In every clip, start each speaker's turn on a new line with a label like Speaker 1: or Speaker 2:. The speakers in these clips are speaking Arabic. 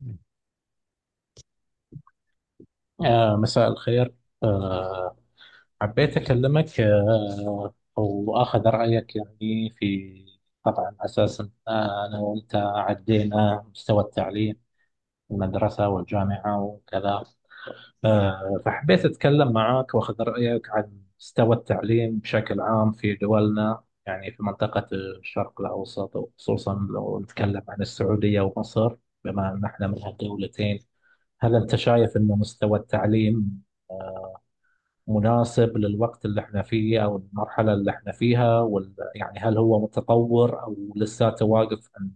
Speaker 1: مم.
Speaker 2: مساء الخير. آه حبيت أكلمك وأخذ رأيك، يعني، في، طبعا، أساسا، أنا وأنت عدينا مستوى التعليم في المدرسة والجامعة وكذا. فحبيت أتكلم معك وأخذ رأيك عن مستوى التعليم بشكل عام في دولنا، يعني في منطقة الشرق الأوسط، وخصوصا لو نتكلم عن السعودية ومصر، بما أن احنا من هالدولتين. هل أنت شايف أن مستوى التعليم مناسب للوقت اللي احنا فيه او المرحله اللي احنا فيها، يعني هل هو متطور او لساته واقف عند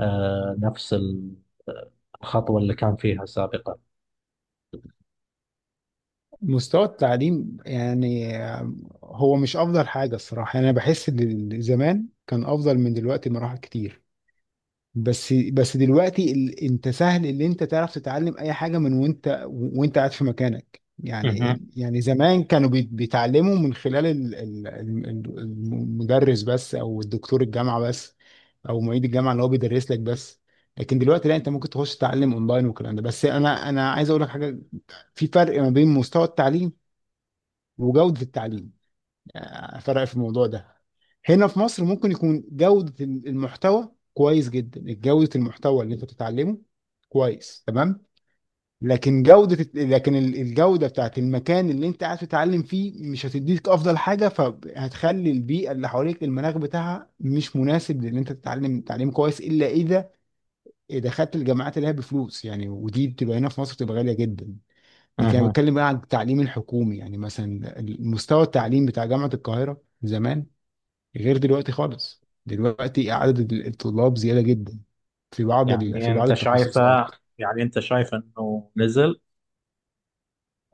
Speaker 2: آه نفس ال- الخطوه اللي كان فيها سابقا؟
Speaker 1: مستوى التعليم يعني هو مش افضل حاجه الصراحه، يعني انا بحس ان زمان كان افضل من دلوقتي مراحل كتير. بس دلوقتي انت سهل ان انت تعرف تتعلم اي حاجه من وانت قاعد في مكانك.
Speaker 2: مهم.
Speaker 1: يعني زمان كانوا بيتعلموا من خلال المدرس بس، او الدكتور الجامعه بس، او معيد الجامعه اللي هو بيدرس لك بس. لكن دلوقتي لا، انت ممكن تخش تتعلم اونلاين والكلام ده. بس انا عايز اقول لك حاجه، في فرق ما بين مستوى التعليم وجوده التعليم. فرق في الموضوع ده. هنا في مصر ممكن يكون جودة المحتوى كويس جدا، جودة المحتوى اللي انت بتتعلمه كويس تمام، لكن الجودة بتاعت المكان اللي انت قاعد تتعلم فيه مش هتديك افضل حاجة، فهتخلي البيئة اللي حواليك المناخ بتاعها مش مناسب لان انت تتعلم تعليم كويس، الا اذا دخلت الجامعات اللي هي بفلوس يعني، ودي بتبقى هنا في مصر بتبقى غالية جدا. لكن انا
Speaker 2: مهم.
Speaker 1: بتكلم بقى عن التعليم الحكومي، يعني مثلا المستوى التعليم بتاع جامعة القاهرة زمان غير دلوقتي خالص، دلوقتي عدد الطلاب زيادة جدا في بعض
Speaker 2: يعني
Speaker 1: في بعض
Speaker 2: انت شايفه،
Speaker 1: التخصصات.
Speaker 2: يعني انت شايف انه نزل؟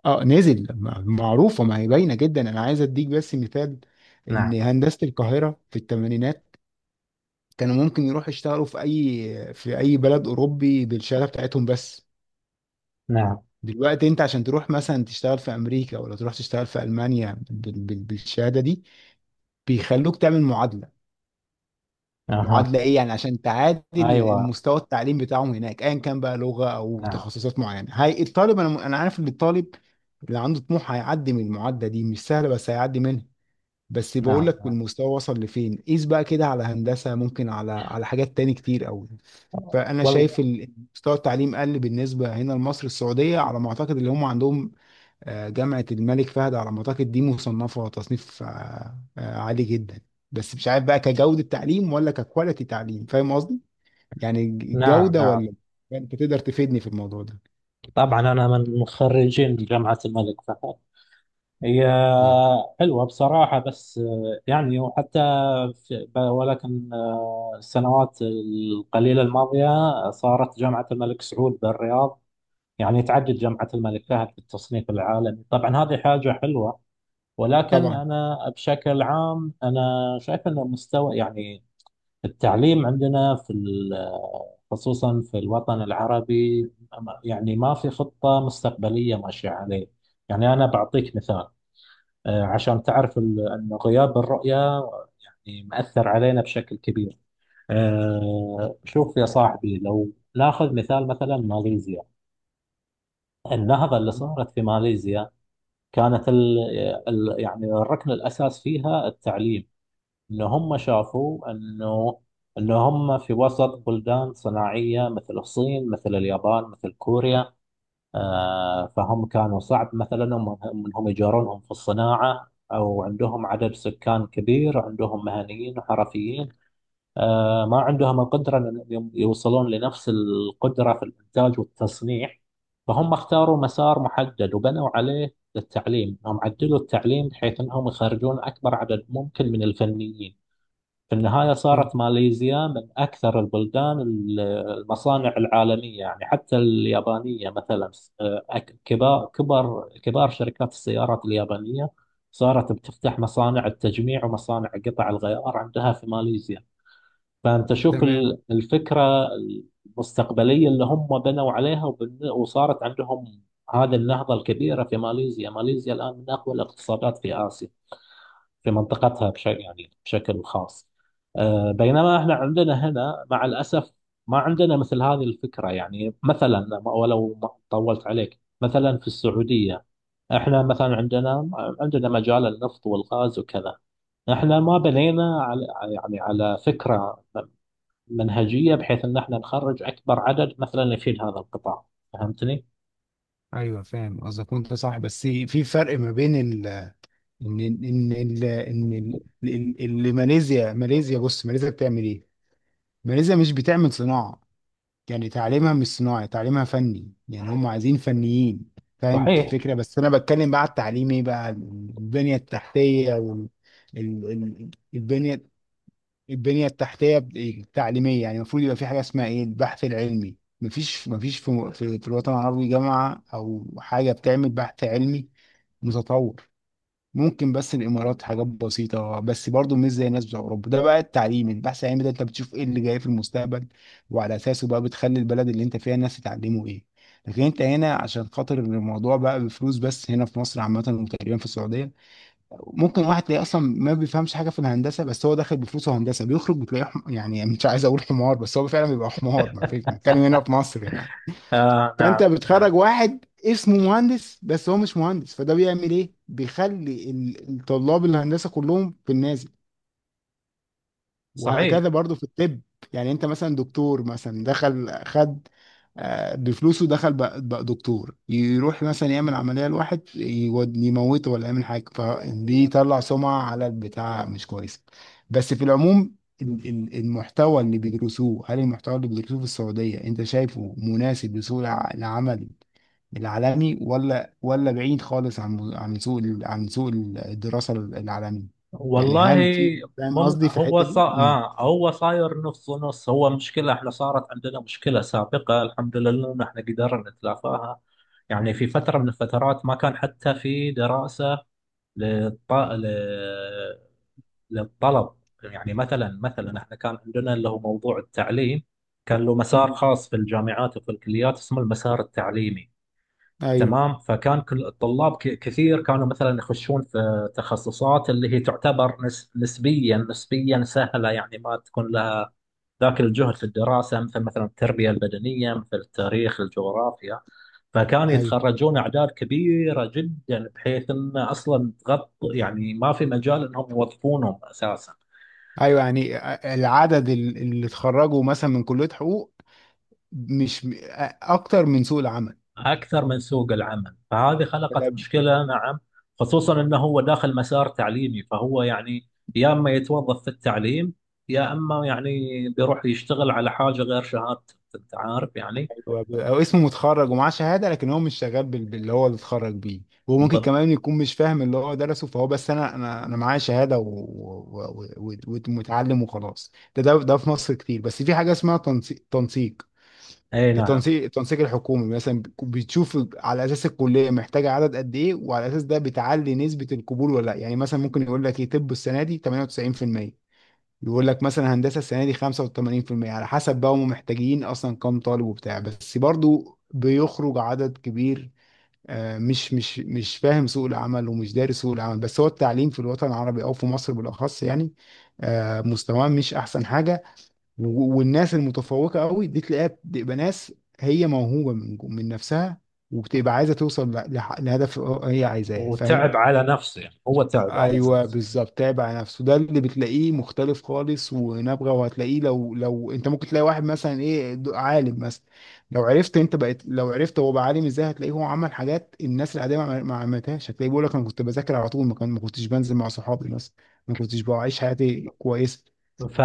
Speaker 1: اه، نزل، معروفة، ما هي باينة جدا. انا عايز اديك بس مثال، ان
Speaker 2: نعم.
Speaker 1: هندسة القاهرة في الثمانينات كانوا ممكن يروحوا يشتغلوا في اي بلد اوروبي بالشهادة بتاعتهم بس.
Speaker 2: نعم.
Speaker 1: دلوقتي انت عشان تروح مثلا تشتغل في امريكا، ولا تروح تشتغل في المانيا بالشهادة دي بيخلوك تعمل معادلة.
Speaker 2: اها.
Speaker 1: معادلة ايه يعني؟ عشان تعادل
Speaker 2: ايوه.
Speaker 1: المستوى التعليم بتاعهم هناك، ايا كان بقى لغة او
Speaker 2: نعم.
Speaker 1: تخصصات معينة. هي الطالب، انا عارف ان الطالب اللي عنده طموح هيعدي من المعادلة دي، مش سهلة بس هيعدي منها. بس بقول
Speaker 2: نعم.
Speaker 1: لك
Speaker 2: نعم.
Speaker 1: المستوى وصل لفين، قيس بقى كده على هندسة، ممكن على حاجات تاني كتير قوي. فانا
Speaker 2: والله،
Speaker 1: شايف مستوى التعليم قل بالنسبة هنا لمصر. السعودية على ما اعتقد اللي هم عندهم، جامعة الملك فهد على ما أعتقد دي مصنفة تصنيف عالي جدا، بس مش عارف بقى كجودة تعليم ولا ككواليتي تعليم. فاهم قصدي؟ يعني
Speaker 2: نعم
Speaker 1: الجودة
Speaker 2: نعم،
Speaker 1: ولا؟ أنت تقدر تفيدني في الموضوع ده.
Speaker 2: طبعا انا من مخرجين جامعة الملك فهد. هي
Speaker 1: كويس.
Speaker 2: حلوة بصراحة، بس يعني وحتى في ب- ولكن آه، السنوات القليلة الماضية صارت جامعة الملك سعود بالرياض، يعني، تعدت جامعة الملك فهد في التصنيف العالمي. طبعا هذه حاجة حلوة، ولكن
Speaker 1: طبعا.
Speaker 2: أنا بشكل عام أنا شايف أن مستوى، يعني، التعليم خصوصا في الوطن العربي، يعني ما في خطة مستقبلية ماشية عليه. يعني أنا بعطيك مثال عشان تعرف أن غياب الرؤية، يعني، مأثر علينا بشكل كبير. شوف يا صاحبي، لو ناخذ مثال، مثلا ماليزيا. النهضة اللي صارت في ماليزيا كانت ال يعني الركن الأساس فيها التعليم. إن هم شافوا أنه إن هم في وسط بلدان صناعية، مثل الصين مثل اليابان مثل كوريا. فهم كانوا صعب، مثلا، انهم يجارونهم في الصناعة، او عندهم عدد سكان كبير، عندهم مهنيين وحرفيين. ما عندهم القدرة ان يوصلون لنفس القدرة في الانتاج والتصنيع. فهم اختاروا مسار محدد وبنوا عليه التعليم، هم عدلوا التعليم بحيث انهم يخرجون اكبر عدد ممكن من الفنيين. في النهاية
Speaker 1: طب،
Speaker 2: صارت ماليزيا من أكثر البلدان المصانع العالمية، يعني حتى اليابانية. مثلا، كبار شركات السيارات اليابانية صارت بتفتح مصانع التجميع ومصانع قطع الغيار عندها في ماليزيا. فأنت شوف
Speaker 1: تمام.
Speaker 2: الفكرة المستقبلية اللي هم بنوا عليها، وصارت عندهم هذه النهضة الكبيرة في ماليزيا. ماليزيا الآن من أقوى الاقتصادات في آسيا، في منطقتها بشكل، يعني، بشكل خاص. بينما احنا عندنا هنا مع الأسف ما عندنا مثل هذه الفكرة. يعني مثلا، ولو ما طولت عليك، مثلا في السعودية، احنا مثلا عندنا مجال النفط والغاز وكذا. احنا ما بنينا على، يعني، على فكرة منهجية بحيث ان احنا نخرج اكبر عدد مثلا يفيد هذا القطاع. فهمتني؟
Speaker 1: ايوه فاهم قصدك وانت صح، بس في فرق ما بين ال ان ان ال ان ال- ال- اللي ماليزيا ماليزيا بص ماليزيا بتعمل ايه؟ ماليزيا مش بتعمل صناعة، يعني تعليمها مش صناعي، تعليمها فني، يعني هم عايزين فنيين. فاهم
Speaker 2: صحيح.
Speaker 1: الفكرة؟ بس أنا بتكلم بقى على التعليم، إيه بقى؟ البنية التحتية وال ال... ال... البنية التحتية التعليمية، يعني المفروض يبقى في حاجة اسمها إيه؟ البحث العلمي. مفيش في الوطن العربي جامعة أو حاجة بتعمل بحث علمي متطور. ممكن بس الامارات، حاجات بسيطه بس برضو مش زي الناس بتوع اوروبا. ده بقى التعليم، البحث العلمي ده انت بتشوف ايه اللي جاي في المستقبل، وعلى اساسه بقى بتخلي البلد اللي انت فيها الناس تتعلموا ايه. لكن انت هنا عشان خاطر الموضوع بقى بفلوس بس، هنا في مصر عامه وتقريبا في السعوديه، ممكن واحد تلاقيه اصلا ما بيفهمش حاجه في الهندسه، بس هو داخل بفلوسه هندسه بيخرج بتلاقيه يعني مش عايز اقول حمار، بس هو فعلا بيبقى حمار، ما فيش، بنتكلم هنا في مصر يعني.
Speaker 2: نعم.
Speaker 1: فانت بتخرج
Speaker 2: نعم.
Speaker 1: واحد اسمه مهندس بس هو مش مهندس. فده بيعمل ايه؟ بيخلي الطلاب الهندسه كلهم في النازل.
Speaker 2: صحيح.
Speaker 1: وهكذا برضو في الطب، يعني انت مثلا دكتور، مثلا دخل خد، بفلوسه دخل بقى دكتور، يروح مثلا يعمل عملية لواحد يموته ولا يعمل حاجة، فبيطلع سمعة على البتاع مش كويس. بس في العموم المحتوى اللي بيدرسوه، هل المحتوى اللي بيدرسوه في السعودية انت شايفه مناسب لسوق العمل العالمي، ولا بعيد خالص عن عن سوق الدراسة العالمي؟ يعني
Speaker 2: والله.
Speaker 1: هل في، فاهم
Speaker 2: مم...
Speaker 1: قصدي في
Speaker 2: هو
Speaker 1: الحتة
Speaker 2: صا...
Speaker 1: دي؟ مم.
Speaker 2: آه هو صاير نص نص. هو مشكلة، احنا صارت عندنا مشكلة سابقة، الحمد لله ان احنا قدرنا نتلافاها. يعني في فترة من الفترات ما كان حتى في دراسة للط... ل... للطلب. يعني مثلا احنا كان عندنا اللي هو موضوع التعليم، كان له مسار
Speaker 1: مم.
Speaker 2: خاص في الجامعات وفي الكليات اسمه المسار التعليمي.
Speaker 1: ايوه،
Speaker 2: تمام، فكان كل الطلاب كثير كانوا مثلا يخشون في تخصصات اللي هي تعتبر نسبيا سهله، يعني ما تكون لها ذاك الجهد في الدراسه، مثل مثلا التربيه البدنيه، مثل التاريخ، الجغرافيا. فكانوا
Speaker 1: ايوه،
Speaker 2: يتخرجون اعداد كبيره جدا بحيث ان اصلا تغطي، يعني ما في مجال انهم يوظفونهم اساسا.
Speaker 1: ايوه، يعني العدد اللي اتخرجوا مثلا من كلية حقوق مش، اكتر من سوق العمل.
Speaker 2: أكثر من سوق العمل، فهذه
Speaker 1: ده
Speaker 2: خلقت مشكلة. نعم، خصوصا أنه هو داخل مسار تعليمي، فهو، يعني، يا أما يتوظف في التعليم، يا أما، يعني، بيروح يشتغل على حاجة غير شهادته، أنت عارف يعني.
Speaker 1: هو او اسمه متخرج ومعاه شهادة لكن هو مش شغال باللي هو اللي اتخرج بيه. وممكن
Speaker 2: بط...
Speaker 1: كمان يكون مش فاهم اللي هو درسه، فهو بس انا معايا شهادة ومتعلم وخلاص. ده ده في مصر كتير. بس في حاجة اسمها تنسيق، تنسيق
Speaker 2: أي
Speaker 1: ده،
Speaker 2: نعم.
Speaker 1: تنسيق، التنسيق الحكومي مثلا بتشوف على اساس الكليه محتاجه عدد قد ايه، وعلى اساس ده بتعلي نسبه القبول ولا لا. يعني مثلا ممكن يقول لك ايه، طب السنه دي 98%، يقول لك مثلا هندسه السنه دي 85%، على حسب بقى هم محتاجين اصلا كام طالب وبتاع. بس برضو بيخرج عدد كبير مش فاهم سوق العمل ومش دارس سوق العمل. بس هو التعليم في الوطن العربي او في مصر بالاخص يعني، مستواه مش احسن حاجه. والناس المتفوقه قوي دي تلاقيها بتبقى ناس هي موهوبه من من نفسها، وبتبقى عايزه توصل لهدف هي عايزاه. فاهم؟
Speaker 2: وتعب على نفسه، يعني هو تعب على
Speaker 1: ايوه
Speaker 2: نفسه.
Speaker 1: بالظبط، تعب على نفسه، ده اللي بتلاقيه مختلف خالص ونابغه. وهتلاقيه لو انت ممكن تلاقي واحد مثلا ايه، عالم مثلا، لو عرفت انت بقيت، لو عرفت هو بقى عالم ازاي، هتلاقيه هو عمل حاجات الناس العاديه ما عملتهاش. هتلاقيه بيقول لك انا كنت بذاكر على طول، ما كنتش بنزل مع صحابي مثلا، ما كنتش بعيش حياتي كويسه.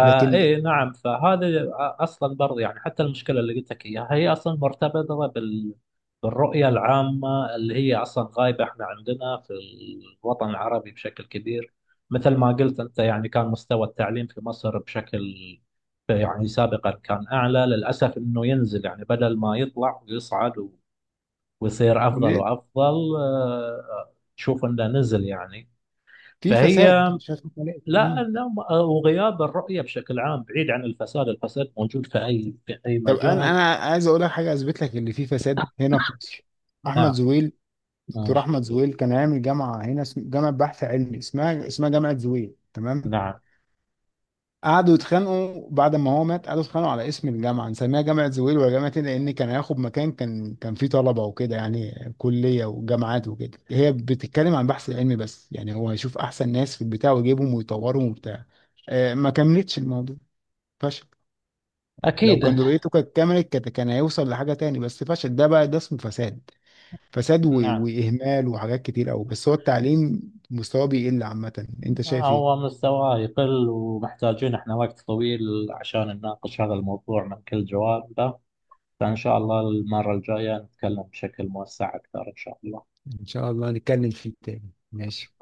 Speaker 1: لكن
Speaker 2: نعم، فهذا اصلا برضه، يعني، حتى المشكله اللي قلت لك اياها هي اصلا مرتبطه بالرؤيه العامه اللي هي اصلا غايبه. احنا عندنا في الوطن العربي بشكل كبير، مثل ما قلت انت، يعني، كان مستوى التعليم في مصر بشكل، يعني، سابقا كان اعلى. للاسف انه ينزل، يعني بدل ما يطلع ويصعد ويصير افضل وافضل، تشوف انه نزل يعني.
Speaker 1: في
Speaker 2: فهي،
Speaker 1: فساد، مش هتقول؟
Speaker 2: لا، وغياب الرؤية بشكل عام، بعيد عن الفساد. الفساد موجود في أي في أي
Speaker 1: طب انا
Speaker 2: مجال.
Speaker 1: انا عايز اقول لك حاجه اثبت لك ان في فساد هنا في مصر. احمد
Speaker 2: نعم.
Speaker 1: زويل دكتور
Speaker 2: مم.
Speaker 1: احمد زويل كان عامل جامعه هنا جامعه بحث علمي اسمها جامعه زويل، تمام؟
Speaker 2: نعم.
Speaker 1: قعدوا يتخانقوا بعد ما هو مات، قعدوا يتخانقوا على اسم الجامعه، نسميها جامعه زويل ولا جامعه ايه. لان كان هياخد مكان، كان فيه طلبه وكده، يعني كليه وجامعات وكده. هي بتتكلم عن بحث علمي بس، يعني هو هيشوف احسن ناس في البتاع ويجيبهم ويطورهم وبتاع. ما كملتش الموضوع، فشل. لو
Speaker 2: أكيد.
Speaker 1: كان رؤيته كانت كملت، كان هيوصل لحاجة تاني، بس فشل. ده بقى ده اسمه فساد، فساد
Speaker 2: نعم.
Speaker 1: وإهمال وحاجات كتير أوي. بس هو التعليم مستواه بيقل عامة، أنت شايف إيه؟
Speaker 2: هو مستواه يقل، ومحتاجين احنا وقت طويل عشان نناقش هذا الموضوع من كل جوانبه. فإن شاء الله المرة الجاية نتكلم بشكل موسع أكثر إن شاء الله.
Speaker 1: إن شاء الله نتكلم فيه تاني، ماشي.